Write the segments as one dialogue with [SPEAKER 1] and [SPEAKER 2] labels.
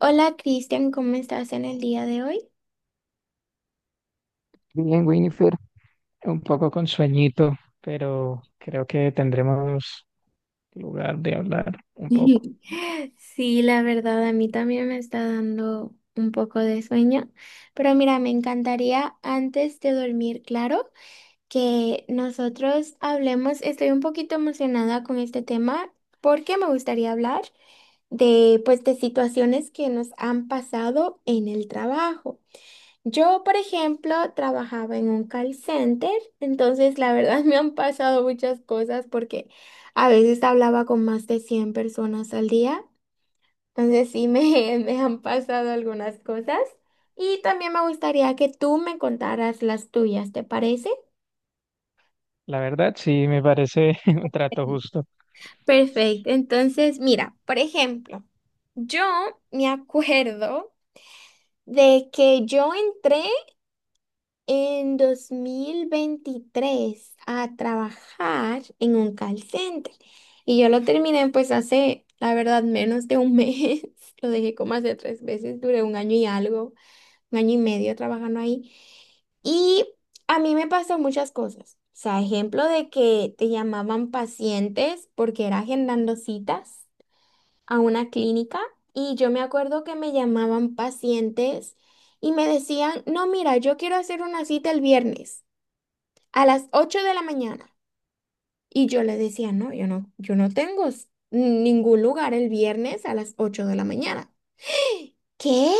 [SPEAKER 1] Hola Cristian, ¿cómo estás en el día de hoy?
[SPEAKER 2] Bien, Winifred, un poco con sueñito, pero creo que tendremos lugar de hablar un poco.
[SPEAKER 1] Sí, la verdad, a mí también me está dando un poco de sueño, pero mira, me encantaría antes de dormir, claro, que nosotros hablemos. Estoy un poquito emocionada con este tema porque me gustaría hablar pues, de situaciones que nos han pasado en el trabajo. Yo, por ejemplo, trabajaba en un call center, entonces la verdad me han pasado muchas cosas porque a veces hablaba con más de 100 personas al día. Entonces sí me, me han pasado algunas cosas y también me gustaría que tú me contaras las tuyas, ¿te parece?
[SPEAKER 2] La verdad, sí, me parece un trato justo.
[SPEAKER 1] Perfecto, entonces mira, por ejemplo, yo me acuerdo de que yo entré en 2023 a trabajar en un call center. Y yo lo terminé pues hace, la verdad, menos de un mes. Lo dejé como hace tres veces, duré un año y algo, un año y medio trabajando ahí. Y a mí me pasó muchas cosas. O sea, ejemplo de que te llamaban pacientes porque era agendando citas a una clínica. Y yo me acuerdo que me llamaban pacientes y me decían, no, mira, yo quiero hacer una cita el viernes a las 8 de la mañana. Y yo le decía, no, yo no tengo ningún lugar el viernes a las 8 de la mañana. ¿Qué?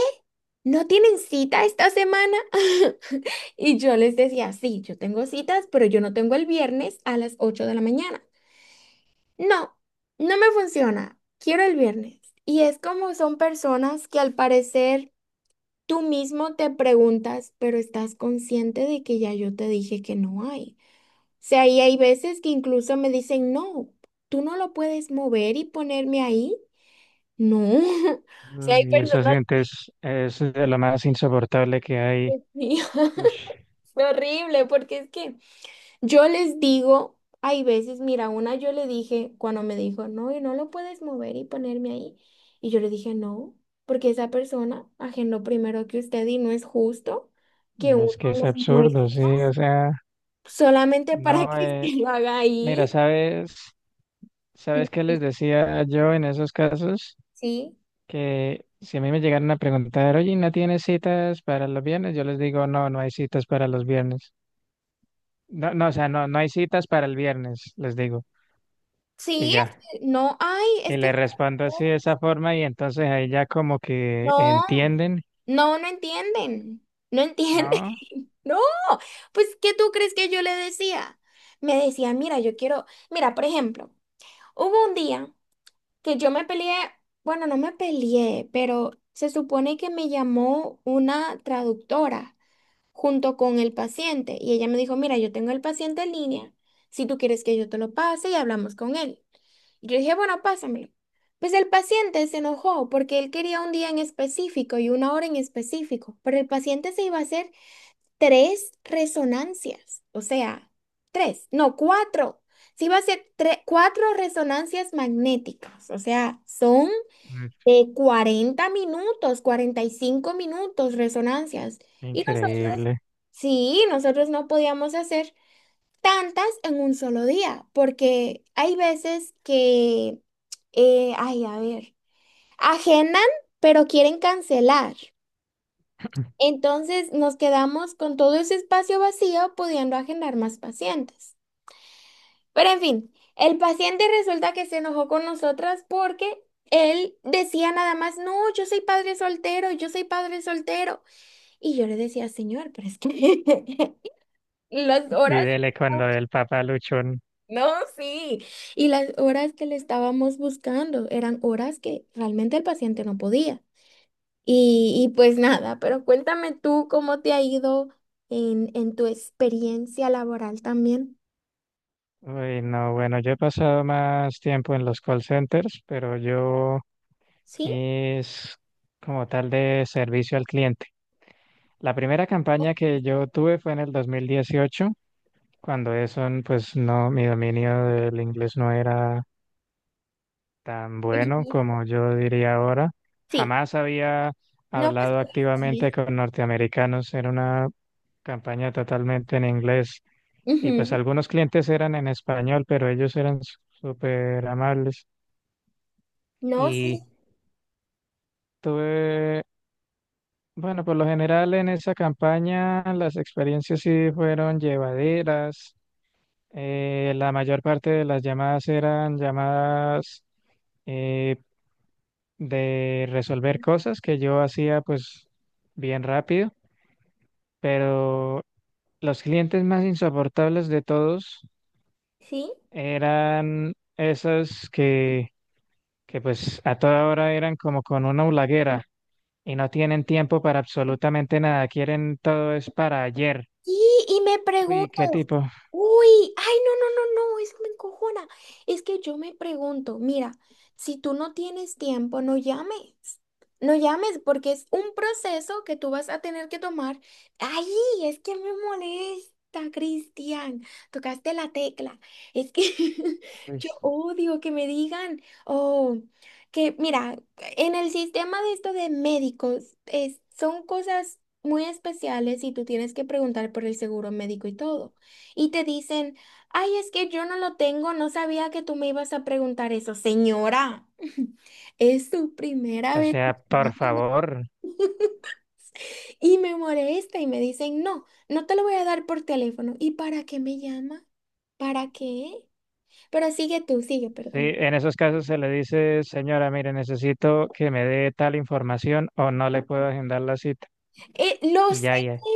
[SPEAKER 1] ¿No tienen cita esta semana? Y yo les decía, sí, yo tengo citas, pero yo no tengo el viernes a las 8 de la mañana. No, no me funciona. Quiero el viernes. Y es como son personas que, al parecer, tú mismo te preguntas, pero estás consciente de que ya yo te dije que no hay. Sea, y hay veces que incluso me dicen, no, tú no lo puedes mover y ponerme ahí. No. O sea, hay
[SPEAKER 2] Y esa
[SPEAKER 1] personas.
[SPEAKER 2] gente es de lo más insoportable que hay.
[SPEAKER 1] Sí,
[SPEAKER 2] Ush,
[SPEAKER 1] fue horrible, porque es que yo les digo, hay veces, mira, una yo le dije cuando me dijo, no, y no lo puedes mover y ponerme ahí. Y yo le dije, no, porque esa persona agendó primero que usted y no es justo que
[SPEAKER 2] no
[SPEAKER 1] uno
[SPEAKER 2] es que es
[SPEAKER 1] lo
[SPEAKER 2] absurdo,
[SPEAKER 1] muestre
[SPEAKER 2] sí, o sea,
[SPEAKER 1] solamente para
[SPEAKER 2] no,
[SPEAKER 1] que usted lo haga ahí.
[SPEAKER 2] mira, ¿sabes qué les decía yo en esos casos?
[SPEAKER 1] Sí.
[SPEAKER 2] Que si a mí me llegaran a preguntar, oye, ¿no tienes citas para los viernes? Yo les digo, no, no hay citas para los viernes. No, no, o sea, no, no hay citas para el viernes, les digo, y
[SPEAKER 1] Sí,
[SPEAKER 2] ya.
[SPEAKER 1] es que no, ay,
[SPEAKER 2] Y
[SPEAKER 1] es
[SPEAKER 2] le
[SPEAKER 1] que
[SPEAKER 2] respondo así de esa forma y entonces ahí ya como que
[SPEAKER 1] no,
[SPEAKER 2] entienden,
[SPEAKER 1] no, no entienden, no entienden.
[SPEAKER 2] ¿no?
[SPEAKER 1] No, pues, ¿qué tú crees que yo le decía? Me decía, mira, yo quiero, mira, por ejemplo, hubo un día que yo me peleé, bueno, no me peleé, pero se supone que me llamó una traductora junto con el paciente y ella me dijo, mira, yo tengo el paciente en línea, si tú quieres que yo te lo pase y hablamos con él. Yo dije, bueno, pásamelo. Pues el paciente se enojó porque él quería un día en específico y una hora en específico, pero el paciente se iba a hacer tres resonancias, o sea, tres, no, cuatro. Se iba a hacer cuatro resonancias magnéticas, o sea, son
[SPEAKER 2] Mm.
[SPEAKER 1] de 40 minutos, 45 minutos resonancias. Y nosotros,
[SPEAKER 2] Increíble.
[SPEAKER 1] sí, nosotros no podíamos hacer tantas en un solo día, porque hay veces que, ay, a ver, agendan, pero quieren cancelar. Entonces nos quedamos con todo ese espacio vacío pudiendo agendar más pacientes. Pero en fin, el paciente resulta que se enojó con nosotras porque él decía nada más, no, yo soy padre soltero, yo soy padre soltero. Y yo le decía, señor, pero es que las
[SPEAKER 2] Y
[SPEAKER 1] horas.
[SPEAKER 2] dele cuando el papá luchón.
[SPEAKER 1] No, sí. Y las horas que le estábamos buscando eran horas que realmente el paciente no podía. Y pues nada, pero cuéntame tú cómo te ha ido en tu experiencia laboral también.
[SPEAKER 2] Uy, no, bueno, yo he pasado más tiempo en los call centers, pero yo
[SPEAKER 1] ¿Sí?
[SPEAKER 2] es como tal de servicio al cliente. La primera campaña que yo tuve fue en el 2018 cuando eso, pues no, mi dominio del inglés no era tan bueno
[SPEAKER 1] Ujú.
[SPEAKER 2] como yo diría ahora.
[SPEAKER 1] Sí.
[SPEAKER 2] Jamás había
[SPEAKER 1] No, pues,
[SPEAKER 2] hablado
[SPEAKER 1] está bien.
[SPEAKER 2] activamente con norteamericanos. Era una campaña totalmente en inglés. Y pues
[SPEAKER 1] Ujú.
[SPEAKER 2] algunos clientes eran en español, pero ellos eran súper amables.
[SPEAKER 1] No, sí,
[SPEAKER 2] Y tuve, bueno, por lo general en esa campaña las experiencias sí fueron llevaderas. La mayor parte de las llamadas eran llamadas eh, de resolver cosas que yo hacía pues bien rápido, pero los clientes más insoportables de todos
[SPEAKER 1] sí.
[SPEAKER 2] eran esos que pues a toda hora eran como con una hulaguera y no tienen tiempo para absolutamente nada, quieren todo es para ayer.
[SPEAKER 1] Y me
[SPEAKER 2] Uy,
[SPEAKER 1] pregunto.
[SPEAKER 2] qué tipo.
[SPEAKER 1] Uy, ay, no, no, no, no, eso me encojona. Es que yo me pregunto, mira, si tú no tienes tiempo, no llames. No llames porque es un proceso que tú vas a tener que tomar. Ay, es que me molesta, Cristian. Tocaste la tecla. Es que
[SPEAKER 2] Uy.
[SPEAKER 1] yo odio que me digan, oh, que mira, en el sistema de esto de médicos, son cosas muy especiales y tú tienes que preguntar por el seguro médico y todo, y te dicen, ay, es que yo no lo tengo, no sabía que tú me ibas a preguntar eso, señora. Es tu primera
[SPEAKER 2] O
[SPEAKER 1] vez,
[SPEAKER 2] sea, por
[SPEAKER 1] ¿no?
[SPEAKER 2] favor.
[SPEAKER 1] Y me molesta y me dicen, no, no te lo voy a dar por teléfono. ¿Y para qué me llama? ¿Para qué? Pero sigue tú, sigue,
[SPEAKER 2] Sí,
[SPEAKER 1] perdón.
[SPEAKER 2] en esos casos se le dice, señora, mire, necesito que me dé tal información o no le puedo agendar la cita.
[SPEAKER 1] Lo
[SPEAKER 2] Y
[SPEAKER 1] sé,
[SPEAKER 2] ya, ya.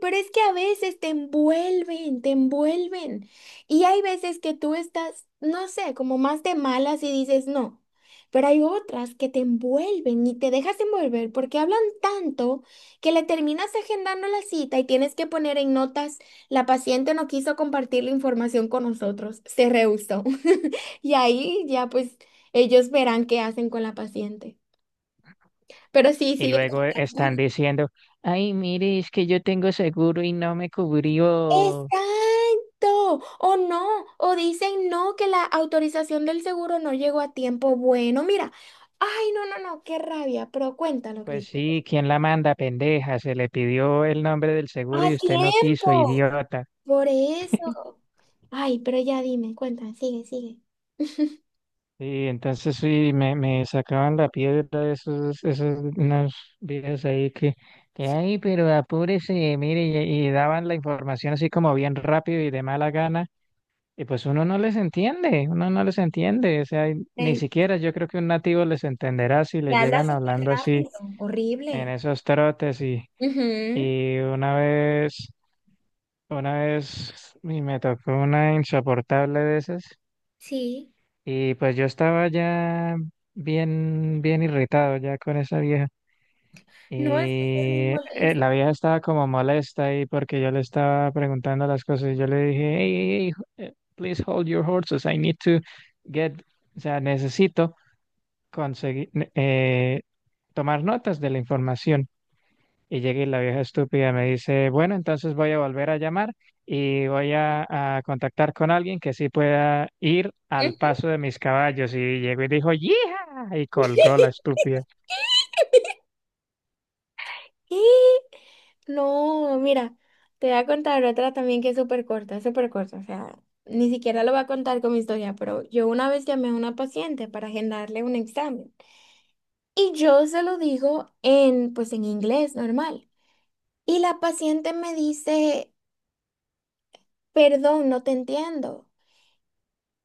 [SPEAKER 1] pero es que a veces te envuelven, te envuelven. Y hay veces que tú estás, no sé, como más de malas y dices no. Pero hay otras que te envuelven y te dejas envolver porque hablan tanto que le terminas agendando la cita y tienes que poner en notas, la paciente no quiso compartir la información con nosotros, se rehusó. Y ahí ya pues ellos verán qué hacen con la paciente. Pero sí,
[SPEAKER 2] Y
[SPEAKER 1] sigue.
[SPEAKER 2] luego están diciendo, ay, mire, es que yo tengo seguro y no me cubrió.
[SPEAKER 1] Exacto, o no, o dicen no, que la autorización del seguro no llegó a tiempo. Bueno, mira, ay, no, no, no, qué rabia, pero cuéntalo,
[SPEAKER 2] Pues
[SPEAKER 1] Cristo.
[SPEAKER 2] sí, ¿quién la manda, pendeja? Se le pidió el nombre del
[SPEAKER 1] A
[SPEAKER 2] seguro y usted no quiso,
[SPEAKER 1] tiempo,
[SPEAKER 2] idiota.
[SPEAKER 1] por eso. Ay, pero ya dime, cuéntame, sigue, sigue.
[SPEAKER 2] Y entonces sí, me sacaban la piedra esos unos viejas ahí que,
[SPEAKER 1] Sí,
[SPEAKER 2] ay, pero apúrese, mire, y daban la información así como bien rápido y de mala gana. Y pues uno no les entiende, uno no les entiende, o sea, y ni
[SPEAKER 1] eh,
[SPEAKER 2] siquiera yo creo que un nativo les entenderá si
[SPEAKER 1] y
[SPEAKER 2] le
[SPEAKER 1] habla
[SPEAKER 2] llegan
[SPEAKER 1] súper
[SPEAKER 2] hablando así
[SPEAKER 1] rápido,
[SPEAKER 2] en
[SPEAKER 1] horrible.
[SPEAKER 2] esos trotes y,
[SPEAKER 1] Ujú.
[SPEAKER 2] y una vez y me tocó una insoportable de esas
[SPEAKER 1] Sí.
[SPEAKER 2] y pues yo estaba ya bien, bien irritado ya con esa vieja.
[SPEAKER 1] No, eso es muy
[SPEAKER 2] Y
[SPEAKER 1] molesto.
[SPEAKER 2] la vieja estaba como molesta ahí porque yo le estaba preguntando las cosas. Y yo le dije, hey, hey, hey, please hold your horses. I need to get, o sea, necesito conseguir, eh, tomar notas de la información. Y llega y la vieja estúpida me dice, bueno, entonces voy a volver a llamar y voy a contactar con alguien que sí pueda ir al paso de mis caballos. Y llegó y dijo, ¡yija! Y colgó la estúpida.
[SPEAKER 1] ¿Qué? No, mira, te voy a contar otra también que es súper corta, súper corta. O sea, ni siquiera lo voy a contar con mi historia, pero yo una vez llamé a una paciente para agendarle un examen. Y yo se lo digo en, pues en inglés normal. Y la paciente me dice, perdón, no te entiendo.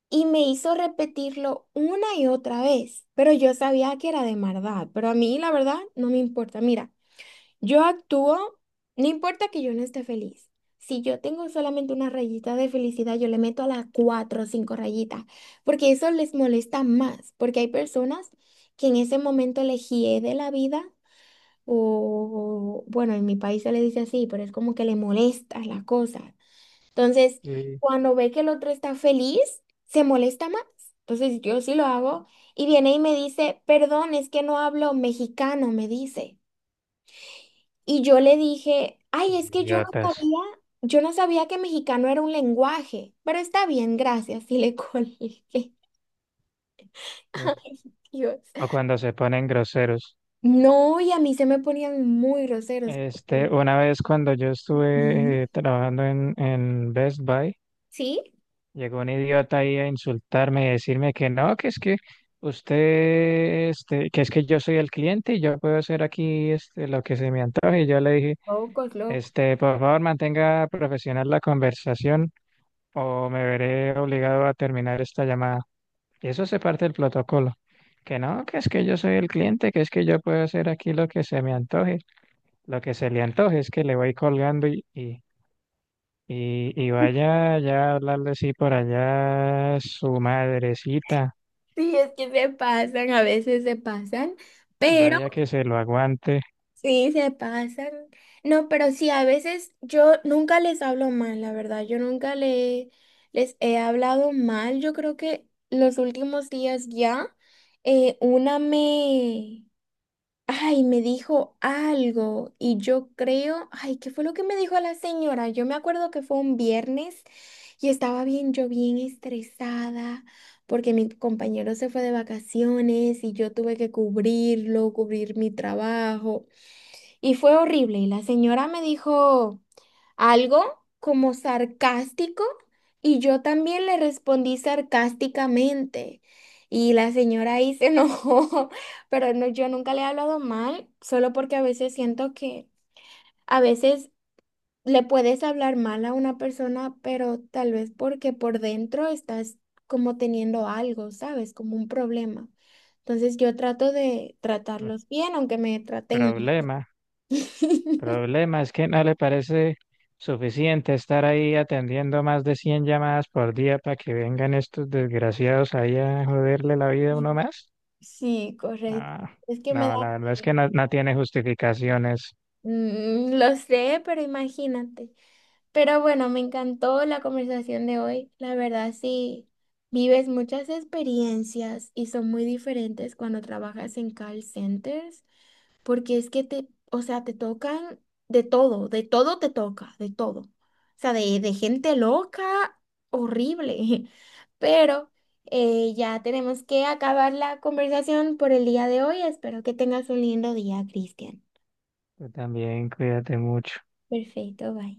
[SPEAKER 1] Y me hizo repetirlo una y otra vez. Pero yo sabía que era de maldad. Pero a mí, la verdad, no me importa. Mira. Yo actúo, no importa que yo no esté feliz. Si yo tengo solamente una rayita de felicidad, yo le meto a las cuatro o cinco rayitas, porque eso les molesta más, porque hay personas que en ese momento les hiede la vida, o bueno, en mi país se le dice así, pero es como que le molesta la cosa. Entonces,
[SPEAKER 2] Sí.
[SPEAKER 1] cuando ve que el otro está feliz, se molesta más. Entonces, yo sí lo hago y viene y me dice, perdón, es que no hablo mexicano, me dice. Y yo le dije, ay, es que
[SPEAKER 2] Idiotas.
[SPEAKER 1] yo no sabía que mexicano era un lenguaje, pero está bien, gracias, y le colgué. Ay, Dios.
[SPEAKER 2] O cuando se ponen groseros.
[SPEAKER 1] No, y a mí se me ponían muy groseros.
[SPEAKER 2] Este,
[SPEAKER 1] Sí.
[SPEAKER 2] una vez cuando yo
[SPEAKER 1] Ujú.
[SPEAKER 2] estuve trabajando en Best Buy,
[SPEAKER 1] Sí,
[SPEAKER 2] llegó un idiota ahí a insultarme y decirme que no, que es que usted, que es que yo soy el cliente y yo puedo hacer aquí lo que se me antoje. Y yo le dije,
[SPEAKER 1] locos, locos.
[SPEAKER 2] por favor, mantenga profesional la conversación o me veré obligado a terminar esta llamada. Y eso se parte del protocolo. Que no, que es que yo soy el cliente, que es que yo puedo hacer aquí lo que se me antoje. Lo que se le antoje es que le voy colgando y vaya ya a hablarle así por allá a su madrecita,
[SPEAKER 1] Sí, es que se pasan, a veces se pasan, pero...
[SPEAKER 2] vaya que se lo aguante.
[SPEAKER 1] Sí, se pasan. No, pero sí, a veces yo nunca les hablo mal, la verdad. Yo nunca les he hablado mal. Yo creo que los últimos días ya, una me, ay, me dijo algo y yo creo, ay, ¿qué fue lo que me dijo la señora? Yo me acuerdo que fue un viernes y estaba bien, yo bien estresada porque mi compañero se fue de vacaciones y yo tuve que cubrirlo, cubrir mi trabajo. Y fue horrible. Y la señora me dijo algo como sarcástico y yo también le respondí sarcásticamente. Y la señora ahí se enojó. Pero no, yo nunca le he hablado mal, solo porque a veces siento que a veces le puedes hablar mal a una persona, pero tal vez porque por dentro estás como teniendo algo, ¿sabes? Como un problema. Entonces yo trato de
[SPEAKER 2] mm,
[SPEAKER 1] tratarlos bien, aunque me traten
[SPEAKER 2] Problema,
[SPEAKER 1] mal.
[SPEAKER 2] problema es que no le parece suficiente estar ahí atendiendo más de 100 llamadas por día para que vengan estos desgraciados ahí a joderle la vida a uno más.
[SPEAKER 1] Sí, correcto.
[SPEAKER 2] No,
[SPEAKER 1] Es que me da...
[SPEAKER 2] no, la verdad es que
[SPEAKER 1] pi-
[SPEAKER 2] no, no tiene justificaciones.
[SPEAKER 1] Lo sé, pero imagínate. Pero bueno, me encantó la conversación de hoy. La verdad, sí, vives muchas experiencias y son muy diferentes cuando trabajas en call centers. Porque es que te, o sea, te tocan de todo te toca, de todo. O sea, de gente loca, horrible. Pero ya tenemos que acabar la conversación por el día de hoy. Espero que tengas un lindo día, Cristian.
[SPEAKER 2] Tú también cuídate mucho.
[SPEAKER 1] Perfecto, bye.